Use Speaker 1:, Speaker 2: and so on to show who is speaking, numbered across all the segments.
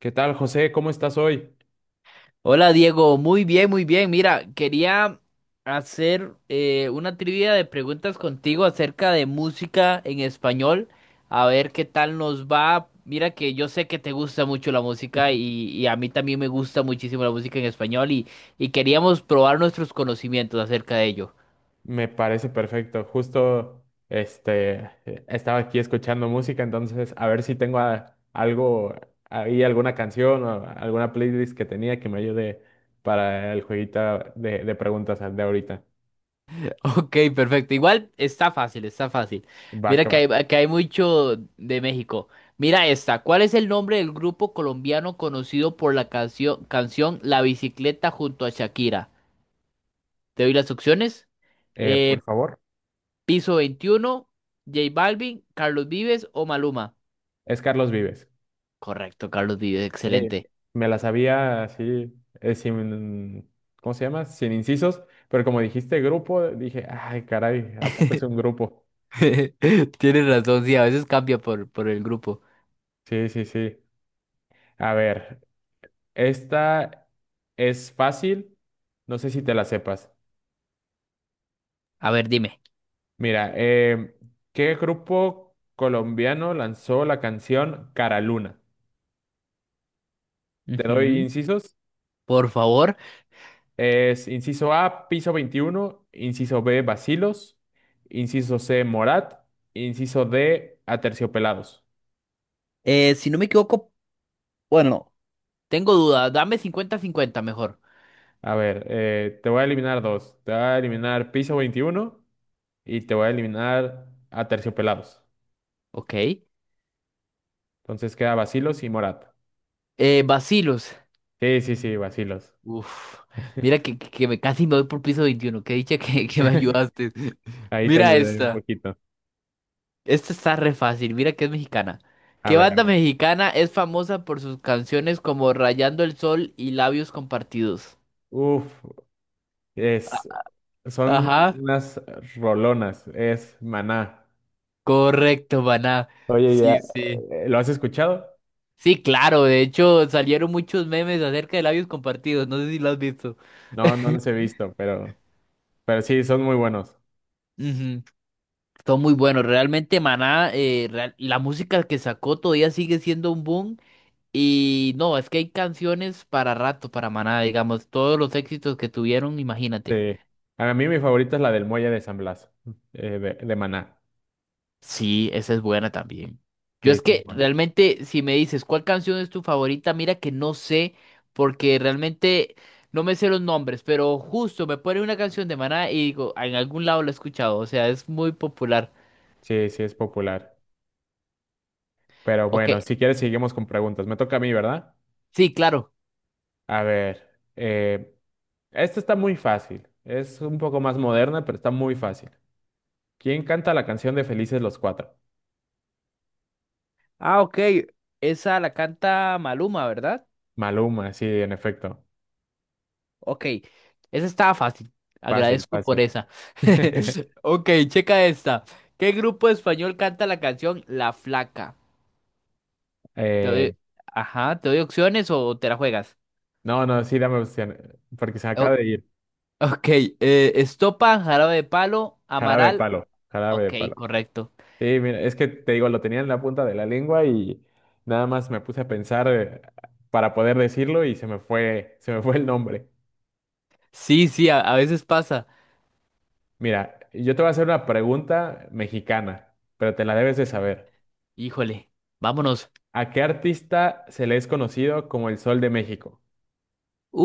Speaker 1: ¿Qué tal, José? ¿Cómo estás hoy?
Speaker 2: Hola Diego, muy bien, muy bien. Mira, quería hacer una trivia de preguntas contigo acerca de música en español, a ver qué tal nos va. Mira que yo sé que te gusta mucho la música y a mí también me gusta muchísimo la música en español y queríamos probar nuestros conocimientos acerca de ello.
Speaker 1: Me parece perfecto. Justo este estaba aquí escuchando música, entonces a ver si tengo algo ahí, alguna canción o alguna playlist que tenía que me ayude para el jueguito de preguntas de ahorita.
Speaker 2: Ok, perfecto. Igual está fácil, está fácil.
Speaker 1: Va
Speaker 2: Mira
Speaker 1: que
Speaker 2: que
Speaker 1: va.
Speaker 2: hay, que hay mucho de México. Mira esta. ¿Cuál es el nombre del grupo colombiano conocido por la canción La Bicicleta junto a Shakira? Te doy las opciones.
Speaker 1: Por
Speaker 2: Eh,
Speaker 1: favor.
Speaker 2: Piso 21, J Balvin, Carlos Vives o Maluma.
Speaker 1: Es Carlos Vives.
Speaker 2: Correcto, Carlos Vives,
Speaker 1: Eh,
Speaker 2: excelente.
Speaker 1: Me la sabía así, sin, ¿cómo se llama? Sin incisos, pero como dijiste grupo, dije, ay, caray, ¿a poco es un grupo?
Speaker 2: Tienes razón, sí, a veces cambia por el grupo.
Speaker 1: Sí, sí, sí. A ver, esta es fácil, no sé si te la sepas.
Speaker 2: A ver, dime.
Speaker 1: Mira, ¿qué grupo colombiano lanzó la canción Cara Luna? Te doy
Speaker 2: Ujú.
Speaker 1: incisos.
Speaker 2: Por favor.
Speaker 1: Es inciso A, Piso Veintiuno, inciso B, Bacilos, inciso C, Morat, inciso D, Aterciopelados.
Speaker 2: Si no me equivoco, bueno, no. Tengo duda, dame 50-50 mejor.
Speaker 1: A ver, te voy a eliminar dos. Te voy a eliminar Piso Veintiuno y te voy a eliminar Aterciopelados.
Speaker 2: Ok.
Speaker 1: Entonces queda Bacilos y Morat.
Speaker 2: Bacilos.
Speaker 1: Sí, sí, sí, vacilos.
Speaker 2: Uf. Mira que me casi me voy por piso 21. Qué dicha que me ayudaste.
Speaker 1: Ahí te
Speaker 2: Mira
Speaker 1: ayudé un
Speaker 2: esta.
Speaker 1: poquito.
Speaker 2: Esta está re fácil. Mira que es mexicana.
Speaker 1: A
Speaker 2: ¿Qué
Speaker 1: ver, a
Speaker 2: banda
Speaker 1: ver.
Speaker 2: mexicana es famosa por sus canciones como Rayando el Sol y Labios Compartidos?
Speaker 1: Uf,
Speaker 2: A-
Speaker 1: es, son
Speaker 2: Ajá.
Speaker 1: unas rolonas, es maná.
Speaker 2: Correcto, Maná.
Speaker 1: Oye, ya,
Speaker 2: Sí, sí.
Speaker 1: ¿lo has escuchado?
Speaker 2: Sí, claro. De hecho, salieron muchos memes acerca de labios compartidos. No sé si lo has visto.
Speaker 1: No, no los he visto, pero sí, son muy buenos.
Speaker 2: Ujú. Todo muy bueno. Realmente Maná, la música que sacó todavía sigue siendo un boom. Y no, es que hay canciones para rato para Maná, digamos, todos los éxitos que tuvieron, imagínate.
Speaker 1: Sí. A mí mi favorita es la del Muelle de San Blas, de maná.
Speaker 2: Sí, esa es buena también. Yo
Speaker 1: Sí,
Speaker 2: es
Speaker 1: sí, es
Speaker 2: que
Speaker 1: buena.
Speaker 2: realmente, si me dices cuál canción es tu favorita, mira que no sé, porque realmente no me sé los nombres, pero justo me pone una canción de Maná y digo: "Ah, en algún lado la he escuchado, o sea, es muy popular".
Speaker 1: Sí, sí, es popular. Pero
Speaker 2: Ok,
Speaker 1: bueno, si quieres, seguimos con preguntas. Me toca a mí, ¿verdad?
Speaker 2: sí, claro.
Speaker 1: A ver, eh, esta está muy fácil. Es un poco más moderna, pero está muy fácil. ¿Quién canta la canción de Felices los Cuatro?
Speaker 2: Ah, ok. Esa la canta Maluma, ¿verdad?
Speaker 1: Maluma, sí, en efecto.
Speaker 2: Ok. Esa estaba fácil.
Speaker 1: Fácil,
Speaker 2: Agradezco por
Speaker 1: fácil.
Speaker 2: esa. Ok, checa esta. ¿Qué grupo español canta la canción La Flaca? Te
Speaker 1: Eh,
Speaker 2: doy. Ajá, ¿te doy opciones o te la juegas?
Speaker 1: no, no, sí, dame opción, porque se
Speaker 2: O-
Speaker 1: acaba de ir.
Speaker 2: ok, Estopa, Jarabe de Palo,
Speaker 1: Jarabe de
Speaker 2: Amaral.
Speaker 1: palo, jarabe de
Speaker 2: Ok,
Speaker 1: palo.
Speaker 2: correcto.
Speaker 1: Sí, mira, es que te digo, lo tenía en la punta de la lengua y nada más me puse a pensar para poder decirlo y se me fue el nombre.
Speaker 2: Sí, sí, a veces pasa.
Speaker 1: Mira, yo te voy a hacer una pregunta mexicana, pero te la debes de saber.
Speaker 2: Híjole, vámonos.
Speaker 1: ¿A qué artista se le es conocido como el Sol de México?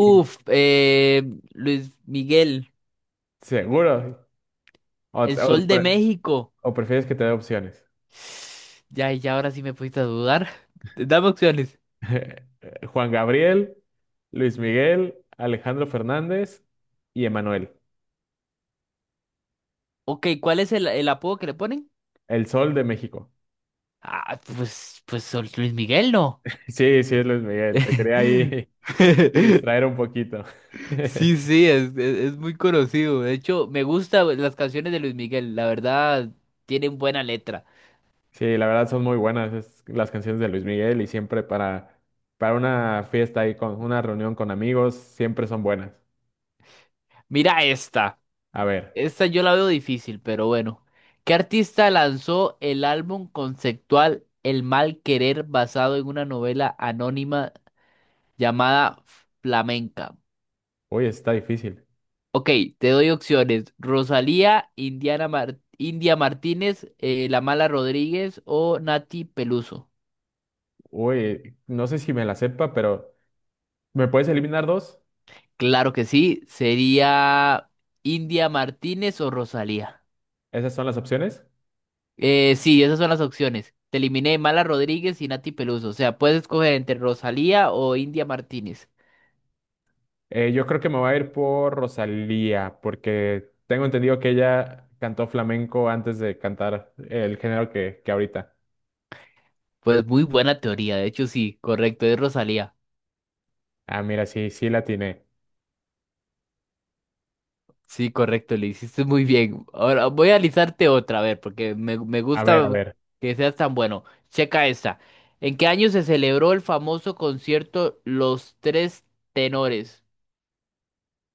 Speaker 1: Y
Speaker 2: Luis Miguel,
Speaker 1: seguro. O,
Speaker 2: El Sol de México.
Speaker 1: o prefieres que te dé opciones?
Speaker 2: Ya, ya ahora sí me pusiste a dudar. Dame opciones.
Speaker 1: Juan Gabriel, Luis Miguel, Alejandro Fernández y Emanuel.
Speaker 2: Ok, ¿cuál es el apodo que le ponen?
Speaker 1: El Sol de México.
Speaker 2: Ah, pues Luis Miguel, ¿no?
Speaker 1: Sí, sí, es Luis Miguel. Te quería ahí distraer un poquito.
Speaker 2: Sí, sí, es muy conocido. De hecho, me gustan las canciones de Luis Miguel. La verdad, tienen buena letra.
Speaker 1: Sí, la verdad son muy buenas las canciones de Luis Miguel y siempre para una fiesta y con una reunión con amigos, siempre son buenas.
Speaker 2: Mira esta.
Speaker 1: A ver,
Speaker 2: Esta yo la veo difícil, pero bueno. ¿Qué artista lanzó el álbum conceptual El mal querer, basado en una novela anónima llamada Flamenca?
Speaker 1: uy, está difícil.
Speaker 2: Ok, te doy opciones. Rosalía, India Martínez, La Mala Rodríguez o Nati Peluso.
Speaker 1: Uy, no sé si me la sepa, pero ¿me puedes eliminar dos?
Speaker 2: Claro que sí, sería India Martínez o Rosalía.
Speaker 1: Esas son las opciones.
Speaker 2: Sí, esas son las opciones. Te eliminé Mala Rodríguez y Nati Peluso. O sea, puedes escoger entre Rosalía o India Martínez.
Speaker 1: Yo creo que me voy a ir por Rosalía, porque tengo entendido que ella cantó flamenco antes de cantar el género que ahorita.
Speaker 2: Pues muy buena teoría, de hecho sí, correcto, es Rosalía.
Speaker 1: Ah, mira, sí, sí la tiene.
Speaker 2: Sí, correcto, le hiciste muy bien. Ahora voy a alisarte otra, a ver, porque me
Speaker 1: A ver, a
Speaker 2: gusta
Speaker 1: ver,
Speaker 2: que seas tan bueno. Checa esta. ¿En qué año se celebró el famoso concierto Los Tres Tenores?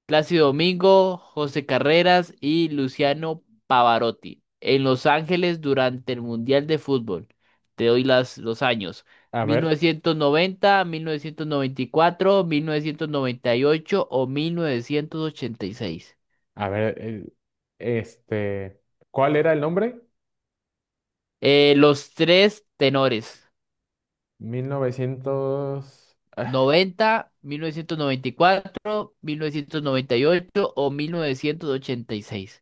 Speaker 2: Plácido Domingo, José Carreras y Luciano Pavarotti. En Los Ángeles durante el Mundial de Fútbol. Te doy los años.
Speaker 1: a
Speaker 2: Mil
Speaker 1: ver,
Speaker 2: novecientos noventa y cuatro, 1998 o 1986.
Speaker 1: a ver, este, ¿cuál era el nombre?
Speaker 2: Los tres tenores:
Speaker 1: 1900, ah,
Speaker 2: noventa noventa mil novecientos y cuatro, 1998 o mil novecientos ochenta y seis.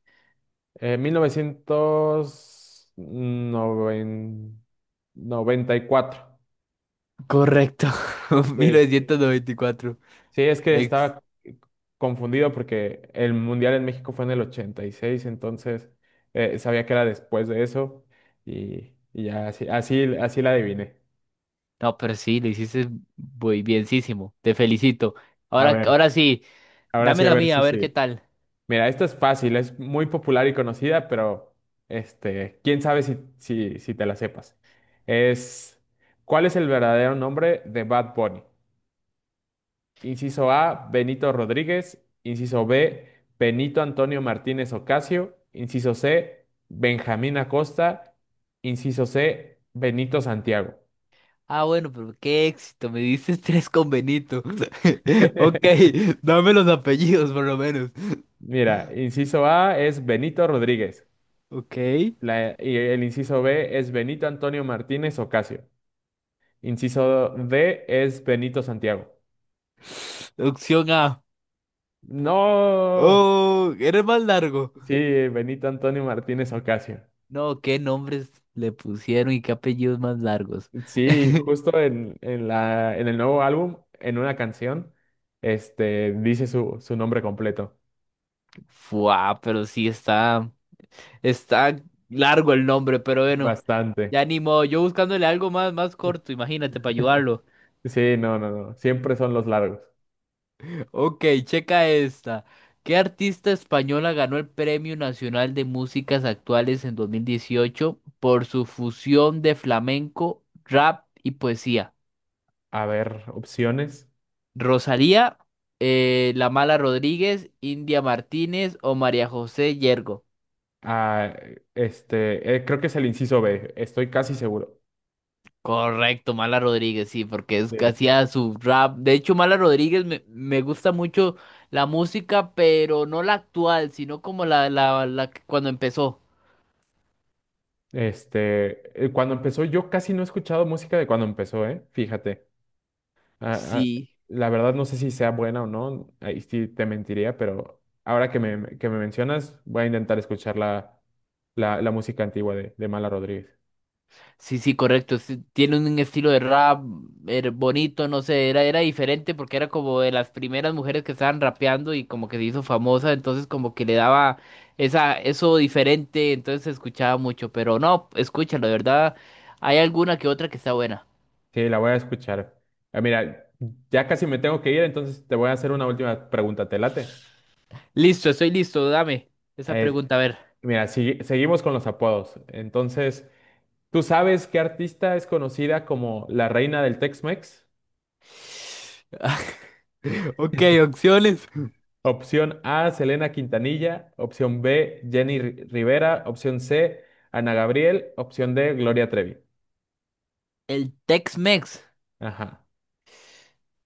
Speaker 1: 1994.
Speaker 2: Correcto, 1994.
Speaker 1: Sí, es que
Speaker 2: Ex.
Speaker 1: estaba confundido porque el Mundial en México fue en el 86, entonces sabía que era después de eso y ya así, así, así la adiviné.
Speaker 2: No, pero sí, lo hiciste muy bienísimo. Te felicito.
Speaker 1: A
Speaker 2: Ahora,
Speaker 1: ver,
Speaker 2: ahora sí,
Speaker 1: ahora
Speaker 2: dame
Speaker 1: sí, a
Speaker 2: la
Speaker 1: ver
Speaker 2: mía,
Speaker 1: si
Speaker 2: a ver qué
Speaker 1: sí.
Speaker 2: tal.
Speaker 1: Mira, esta es fácil, es muy popular y conocida, pero este, quién sabe si, si, si te la sepas. Es, ¿cuál es el verdadero nombre de Bad Bunny? Inciso A, Benito Rodríguez. Inciso B, Benito Antonio Martínez Ocasio. Inciso C, Benjamín Acosta. Inciso C, Benito Santiago.
Speaker 2: Ah, bueno, pero qué éxito, me dices tres con Benito. Ok, dame los apellidos por lo menos.
Speaker 1: Mira, inciso A es Benito Rodríguez.
Speaker 2: Ok.
Speaker 1: Y el inciso B es Benito Antonio Martínez Ocasio. Inciso D es Benito Santiago.
Speaker 2: Opción A.
Speaker 1: No,
Speaker 2: Oh, eres más largo.
Speaker 1: sí, Benito Antonio Martínez Ocasio.
Speaker 2: No, qué nombres le pusieron y qué apellidos más largos.
Speaker 1: Sí, justo en, en el nuevo álbum, en una canción, este, dice su, su nombre completo.
Speaker 2: Fua, pero sí está largo el nombre, pero bueno,
Speaker 1: Bastante.
Speaker 2: ya ni modo. Yo buscándole algo más corto, imagínate, para ayudarlo.
Speaker 1: Sí, no, no, no. Siempre son los largos.
Speaker 2: Ok, checa esta. ¿Qué artista española ganó el Premio Nacional de Músicas Actuales en 2018 por su fusión de flamenco, rap y poesía?
Speaker 1: A ver, opciones.
Speaker 2: Rosalía, La Mala Rodríguez, India Martínez o María José Yergo.
Speaker 1: Ah, este, creo que es el inciso B, estoy casi seguro.
Speaker 2: Correcto, Mala Rodríguez, sí, porque es que
Speaker 1: de-
Speaker 2: hacía su rap. De hecho, Mala Rodríguez me gusta mucho la música, pero no la actual, sino como cuando empezó.
Speaker 1: este, cuando empezó, yo casi no he escuchado música de cuando empezó, ¿eh? Fíjate. Ah, ah,
Speaker 2: Sí.
Speaker 1: la verdad no sé si sea buena o no, ahí sí te mentiría, pero ahora que me mencionas, voy a intentar escuchar la música antigua de Mala Rodríguez.
Speaker 2: Sí, sí, correcto. Sí, tiene un estilo de rap bonito, no sé, era diferente porque era como de las primeras mujeres que estaban rapeando y como que se hizo famosa, entonces como que le daba eso diferente, entonces se escuchaba mucho, pero no, escúchalo, de verdad, hay alguna que otra que está buena.
Speaker 1: Sí, la voy a escuchar. Ah, mira, ya casi me tengo que ir, entonces te voy a hacer una última pregunta, ¿te late?
Speaker 2: Listo, estoy listo, dame esa
Speaker 1: Eh,
Speaker 2: pregunta, a ver.
Speaker 1: Mira, seguimos con los apodos. Entonces, ¿tú sabes qué artista es conocida como la reina del Tex-Mex?
Speaker 2: Ok, opciones.
Speaker 1: Opción A, Selena Quintanilla. Opción B, Rivera. Opción C, Ana Gabriel. Opción D, Gloria Trevi.
Speaker 2: El Tex-Mex.
Speaker 1: Ajá.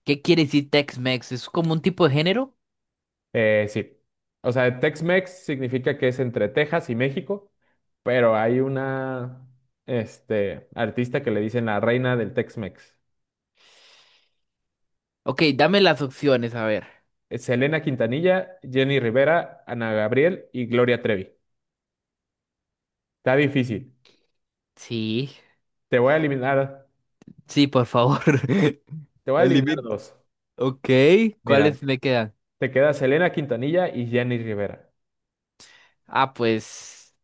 Speaker 2: ¿Qué quiere decir Tex-Mex? ¿Es como un tipo de género?
Speaker 1: Sí. O sea, Tex-Mex significa que es entre Texas y México, pero hay una, este, artista que le dicen la reina del Tex-Mex.
Speaker 2: Ok, dame las opciones, a ver.
Speaker 1: Es Selena Quintanilla, Jenny Rivera, Ana Gabriel y Gloria Trevi. Está difícil.
Speaker 2: Sí.
Speaker 1: Te voy a eliminar,
Speaker 2: Sí, por favor.
Speaker 1: te voy a
Speaker 2: El
Speaker 1: eliminar
Speaker 2: límite.
Speaker 1: dos.
Speaker 2: Ok,
Speaker 1: Mira,
Speaker 2: ¿cuáles me quedan?
Speaker 1: te queda Selena Quintanilla y Jenny Rivera.
Speaker 2: Ah, pues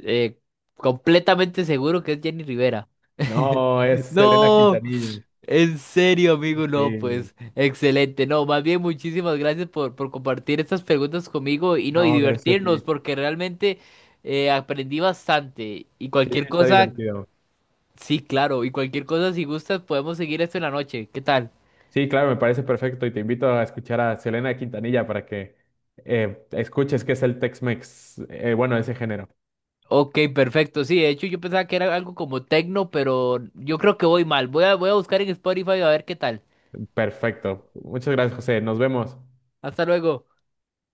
Speaker 2: eh, completamente seguro que es Jenny Rivera.
Speaker 1: No, es Selena
Speaker 2: No,
Speaker 1: Quintanilla.
Speaker 2: en serio, amigo, no,
Speaker 1: Sí,
Speaker 2: pues excelente. No, más bien muchísimas gracias por compartir estas preguntas conmigo y no, y
Speaker 1: no, gracias a
Speaker 2: divertirnos,
Speaker 1: ti.
Speaker 2: porque realmente aprendí bastante. Y
Speaker 1: Sí,
Speaker 2: cualquier
Speaker 1: está
Speaker 2: cosa,
Speaker 1: divertido.
Speaker 2: sí, claro, y cualquier cosa, si gustas, podemos seguir esto en la noche. ¿Qué tal?
Speaker 1: Sí, claro, me parece perfecto y te invito a escuchar a Selena Quintanilla para que escuches qué es el Tex-Mex, bueno, ese género.
Speaker 2: Ok, perfecto. Sí, de hecho yo pensaba que era algo como techno, pero yo creo que voy mal. Voy a buscar en Spotify a ver qué tal.
Speaker 1: Perfecto. Muchas gracias, José. Nos vemos.
Speaker 2: Hasta luego.